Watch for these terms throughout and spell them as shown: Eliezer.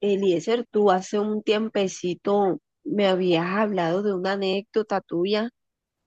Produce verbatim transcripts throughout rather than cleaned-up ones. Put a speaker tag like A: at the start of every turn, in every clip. A: Eliezer, tú hace un tiempecito me habías hablado de una anécdota tuya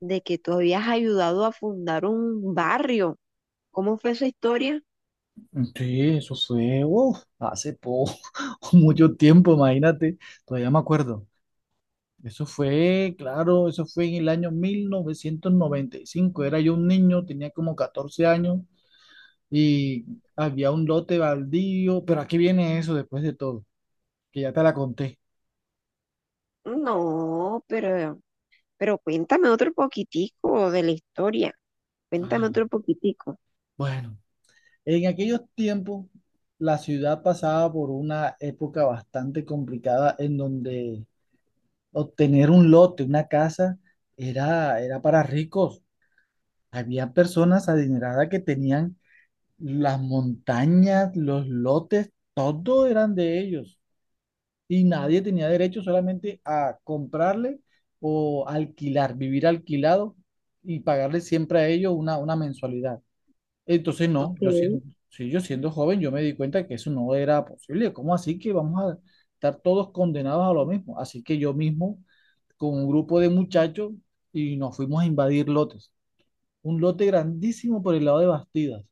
A: de que tú habías ayudado a fundar un barrio. ¿Cómo fue esa historia?
B: Sí, eso fue, uf, hace poco, mucho tiempo, imagínate, todavía me acuerdo. Eso fue, claro, eso fue en el año mil novecientos noventa y cinco. Era yo un niño, tenía como catorce años y había un lote baldío, pero aquí viene eso después de todo, que ya te la conté.
A: No, pero, pero cuéntame otro poquitico de la historia. Cuéntame
B: Ay,
A: otro poquitico.
B: bueno, en aquellos tiempos la ciudad pasaba por una época bastante complicada en donde obtener un lote, una casa, era, era para ricos. Había personas adineradas que tenían las montañas, los lotes, todo eran de ellos. Y nadie tenía derecho solamente a comprarle o alquilar, vivir alquilado y pagarle siempre a ellos una, una mensualidad. Entonces, no,
A: Ok.
B: yo siendo, sí, yo siendo joven, yo me di cuenta que eso no era posible. ¿Cómo así que vamos a estar todos condenados a lo mismo? Así que yo mismo, con un grupo de muchachos, y nos fuimos a invadir lotes un lote grandísimo por el lado de Bastidas.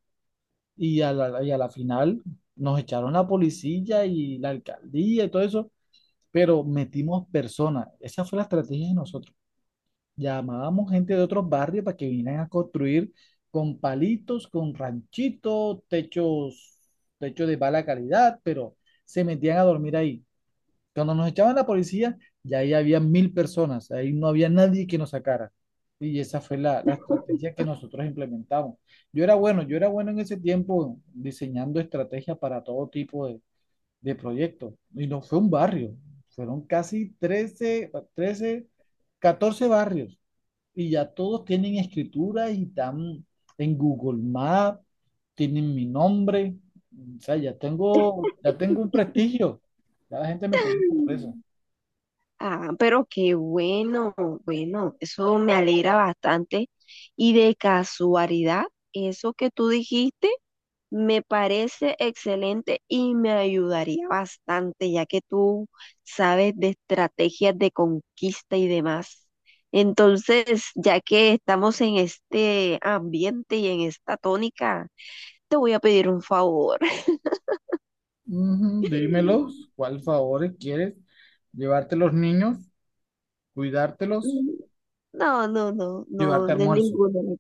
B: Y a la, y a la final nos echaron la policía y la alcaldía y todo eso, pero metimos personas. Esa fue la estrategia de nosotros. Llamábamos gente de otros barrios para que vinieran a construir con palitos, con ranchitos, techos, techos de mala calidad, pero se metían a dormir ahí. Cuando nos echaban la policía, ya ahí había mil personas, ahí no había nadie que nos sacara. Y esa fue la, la estrategia que nosotros implementamos. Yo era bueno, yo era bueno en ese tiempo diseñando estrategias para todo tipo de, de proyectos. Y no fue un barrio, fueron casi trece, trece, catorce barrios. Y ya todos tienen escritura y están en Google Maps, tienen mi nombre. O sea, ya tengo, ya tengo un prestigio. Ya la gente me conoce por eso.
A: Ah, pero qué bueno, bueno, eso me alegra bastante. Y de casualidad, eso que tú dijiste me parece excelente y me ayudaría bastante, ya que tú sabes de estrategias de conquista y demás. Entonces, ya que estamos en este ambiente y en esta tónica, te voy a pedir un favor.
B: Ujú, dímelos, ¿cuál favor quieres? ¿Llevarte los niños? ¿Cuidártelos?
A: No, no, no, no,
B: ¿Llevarte
A: no es
B: almuerzo?
A: ninguno.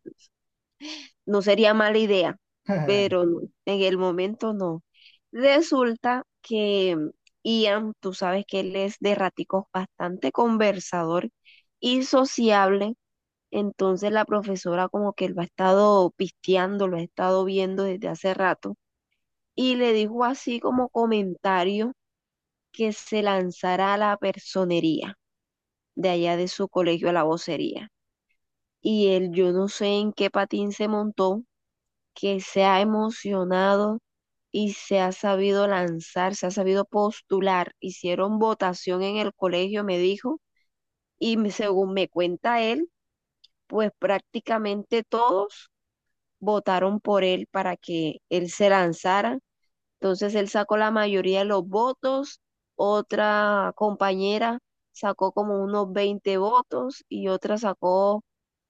A: No sería mala idea, pero no, en el momento no. Resulta que mm, Ian, tú sabes que él es de raticos bastante conversador y sociable, entonces la profesora como que lo ha estado pisteando, lo ha estado viendo desde hace rato y le dijo así como comentario que se lanzara a la personería de allá de su colegio a la vocería. Y él, yo no sé en qué patín se montó, que se ha emocionado y se ha sabido lanzar, se ha sabido postular. Hicieron votación en el colegio, me dijo, y me- según me cuenta él, pues prácticamente todos votaron por él para que él se lanzara, entonces él sacó la mayoría de los votos, otra compañera sacó como unos veinte votos y otra sacó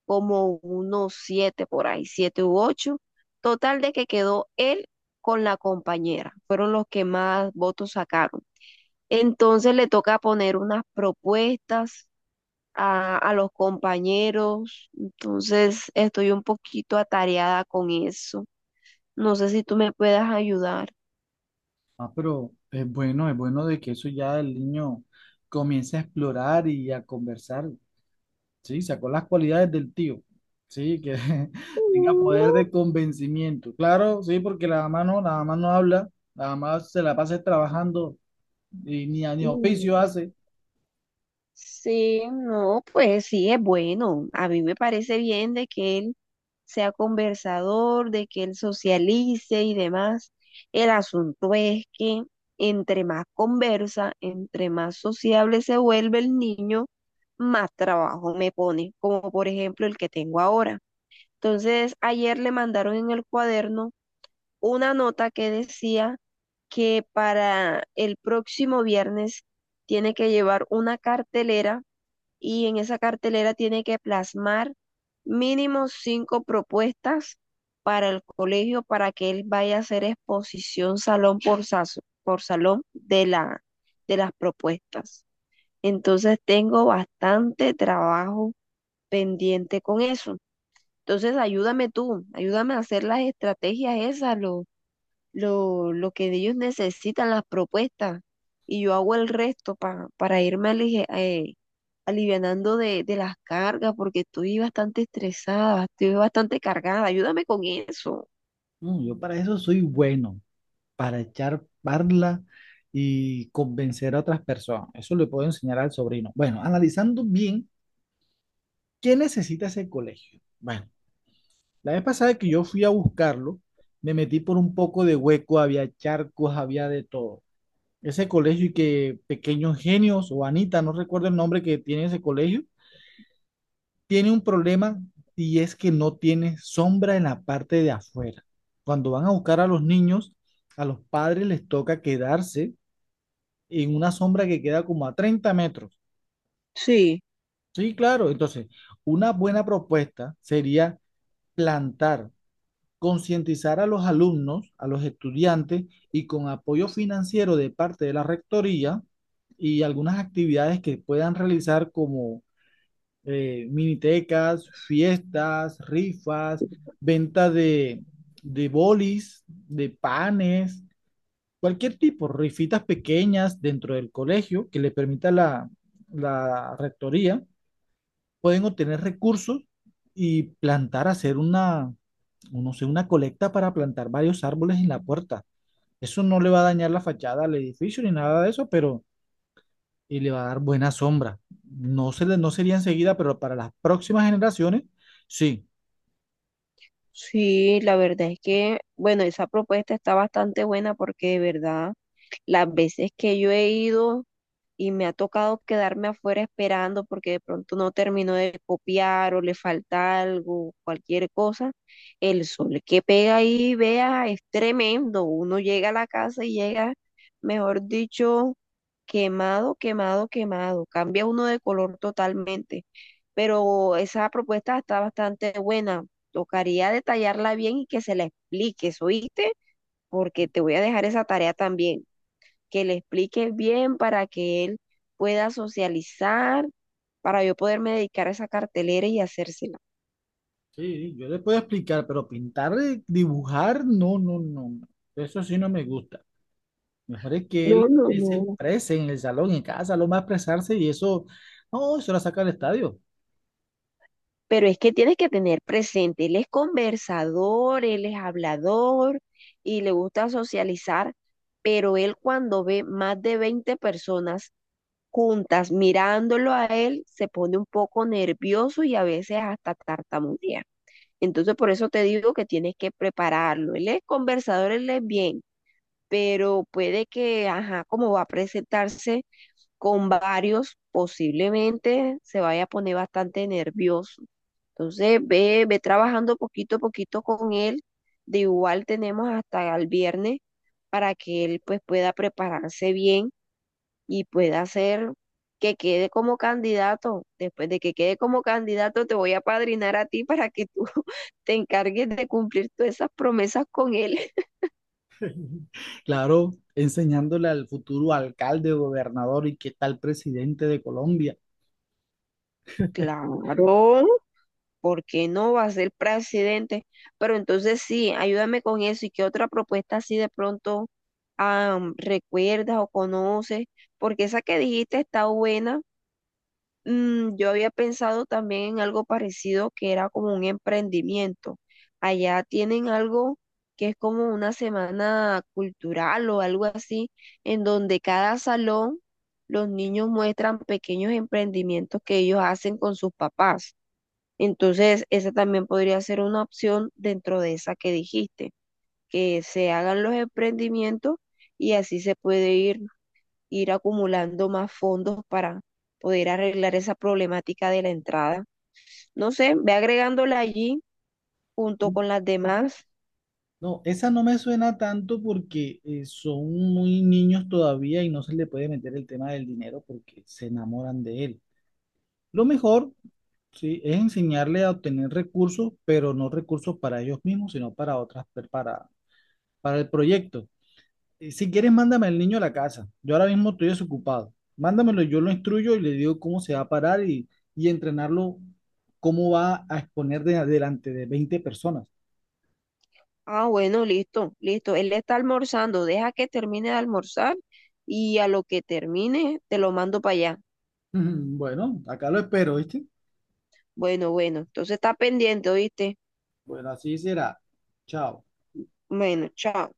A: como unos siete por ahí, siete u ocho. Total de que quedó él con la compañera, fueron los que más votos sacaron. Entonces le toca poner unas propuestas a, a los compañeros, entonces estoy un poquito atareada con eso. No sé si tú me puedas ayudar.
B: Ah, pero es bueno, es bueno de que eso ya el niño comience a explorar y a conversar, ¿sí? Sacó las cualidades del tío, ¿sí? Que tenga poder de convencimiento. Claro, sí, porque la mamá no, la mamá no habla, la mamá se la pasa trabajando y ni, ni oficio
A: Mm,
B: hace.
A: sí, no, pues sí, es bueno. A mí me parece bien de que él sea conversador, de que él socialice y demás. El asunto es que entre más conversa, entre más sociable se vuelve el niño, más trabajo me pone, como por ejemplo el que tengo ahora. Entonces, ayer le mandaron en el cuaderno una nota que decía que para el próximo viernes tiene que llevar una cartelera y en esa cartelera tiene que plasmar mínimo cinco propuestas para el colegio para que él vaya a hacer exposición salón por, saso- por salón de la, de las propuestas. Entonces tengo bastante trabajo pendiente con eso. Entonces ayúdame tú, ayúdame a hacer las estrategias esas, los lo, lo que ellos necesitan, las propuestas, y yo hago el resto pa- para irme alije- eh, alivianando de, de las cargas, porque estoy bastante estresada, estoy bastante cargada, ayúdame con eso.
B: No, yo para eso soy bueno, para echar parla y convencer a otras personas. Eso le puedo enseñar al sobrino. Bueno, analizando bien, ¿qué necesita ese colegio? Bueno, la vez pasada que yo fui a buscarlo, me metí por un poco de hueco, había charcos, había de todo. Ese colegio y que Pequeños Genios o Anita, no recuerdo el nombre que tiene ese colegio, tiene un problema y es que no tiene sombra en la parte de afuera. Cuando van a buscar a los niños, a los padres les toca quedarse en una sombra que queda como a treinta metros.
A: Sí,
B: Sí, claro. Entonces, una buena propuesta sería plantar, concientizar a los alumnos, a los estudiantes y con apoyo financiero de parte de la rectoría y algunas actividades que puedan realizar como eh, minitecas, fiestas, rifas, venta de, de bolis, de panes, cualquier tipo, rifitas pequeñas dentro del colegio que le permita la, la rectoría, pueden obtener recursos y plantar, hacer una, no sé, una colecta para plantar varios árboles en la puerta. Eso no le va a dañar la fachada al edificio ni nada de eso, pero y le va a dar buena sombra. No, se le, no sería enseguida, pero para las próximas generaciones, sí.
A: sí, la verdad es que, bueno, esa propuesta está bastante buena porque de verdad, las veces que yo he ido y me ha tocado quedarme afuera esperando porque de pronto no terminó de copiar o le falta algo, cualquier cosa. El sol que pega ahí, vea, es tremendo. Uno llega a la casa y llega, mejor dicho, quemado, quemado, quemado. Cambia uno de color totalmente. Pero esa propuesta está bastante buena. Tocaría detallarla bien y que se la expliques, ¿oíste? Porque te voy a dejar esa tarea también, que le explique bien para que él pueda socializar, para yo poderme dedicar a esa cartelera y hacérsela.
B: Sí, yo le puedo explicar, pero pintar, eh, dibujar, no, no, no. Eso sí no me gusta. Mejor es que
A: No,
B: él,
A: no,
B: él se
A: no.
B: exprese en el salón, en casa, lo más expresarse y eso, no, eso la saca del estadio.
A: Pero es que tienes que tener presente, él es conversador, él es hablador y le gusta socializar, pero él cuando ve más de veinte personas juntas mirándolo a él, se pone un poco nervioso y a veces hasta tartamudea. Entonces por eso te digo que tienes que prepararlo. Él es conversador, él es bien, pero puede que, ajá, como va a presentarse con varios, posiblemente se vaya a poner bastante nervioso. Entonces, ve, ve trabajando poquito a poquito con él. De igual tenemos hasta el viernes para que él pues pueda prepararse bien y pueda hacer que quede como candidato. Después de que quede como candidato, te voy a padrinar a ti para que tú te encargues de cumplir todas esas promesas con él.
B: Claro, enseñándole al futuro alcalde, gobernador y que tal presidente de Colombia.
A: Claro. Porque no va a ser presidente. Pero entonces sí, ayúdame con eso. ¿Y qué otra propuesta así de pronto ah, recuerdas o conoces? Porque esa que dijiste está buena. Mm, yo había pensado también en algo parecido que era como un emprendimiento. Allá tienen algo que es como una semana cultural o algo así, en donde cada salón los niños muestran pequeños emprendimientos que ellos hacen con sus papás. Entonces, esa también podría ser una opción dentro de esa que dijiste, que se hagan los emprendimientos y así se puede ir, ir acumulando más fondos para poder arreglar esa problemática de la entrada. No sé, ve agregándola allí junto con las demás.
B: No, esa no me suena tanto porque eh, son muy niños todavía y no se le puede meter el tema del dinero porque se enamoran de él. Lo mejor, sí, es enseñarle a obtener recursos, pero no recursos para ellos mismos, sino para otras, per- para, para el proyecto. Eh, Si quieres, mándame al niño a la casa. Yo ahora mismo estoy desocupado. Mándamelo, yo lo instruyo y le digo cómo se va a parar y, y entrenarlo, cómo va a exponer de, delante de veinte personas.
A: Ah, bueno, listo, listo. Él está almorzando, deja que termine de almorzar y a lo que termine te lo mando para allá.
B: Bueno, acá lo espero, ¿viste?
A: Bueno, bueno, entonces está pendiente, ¿oíste?
B: Bueno, así será. Chao.
A: Bueno, chao.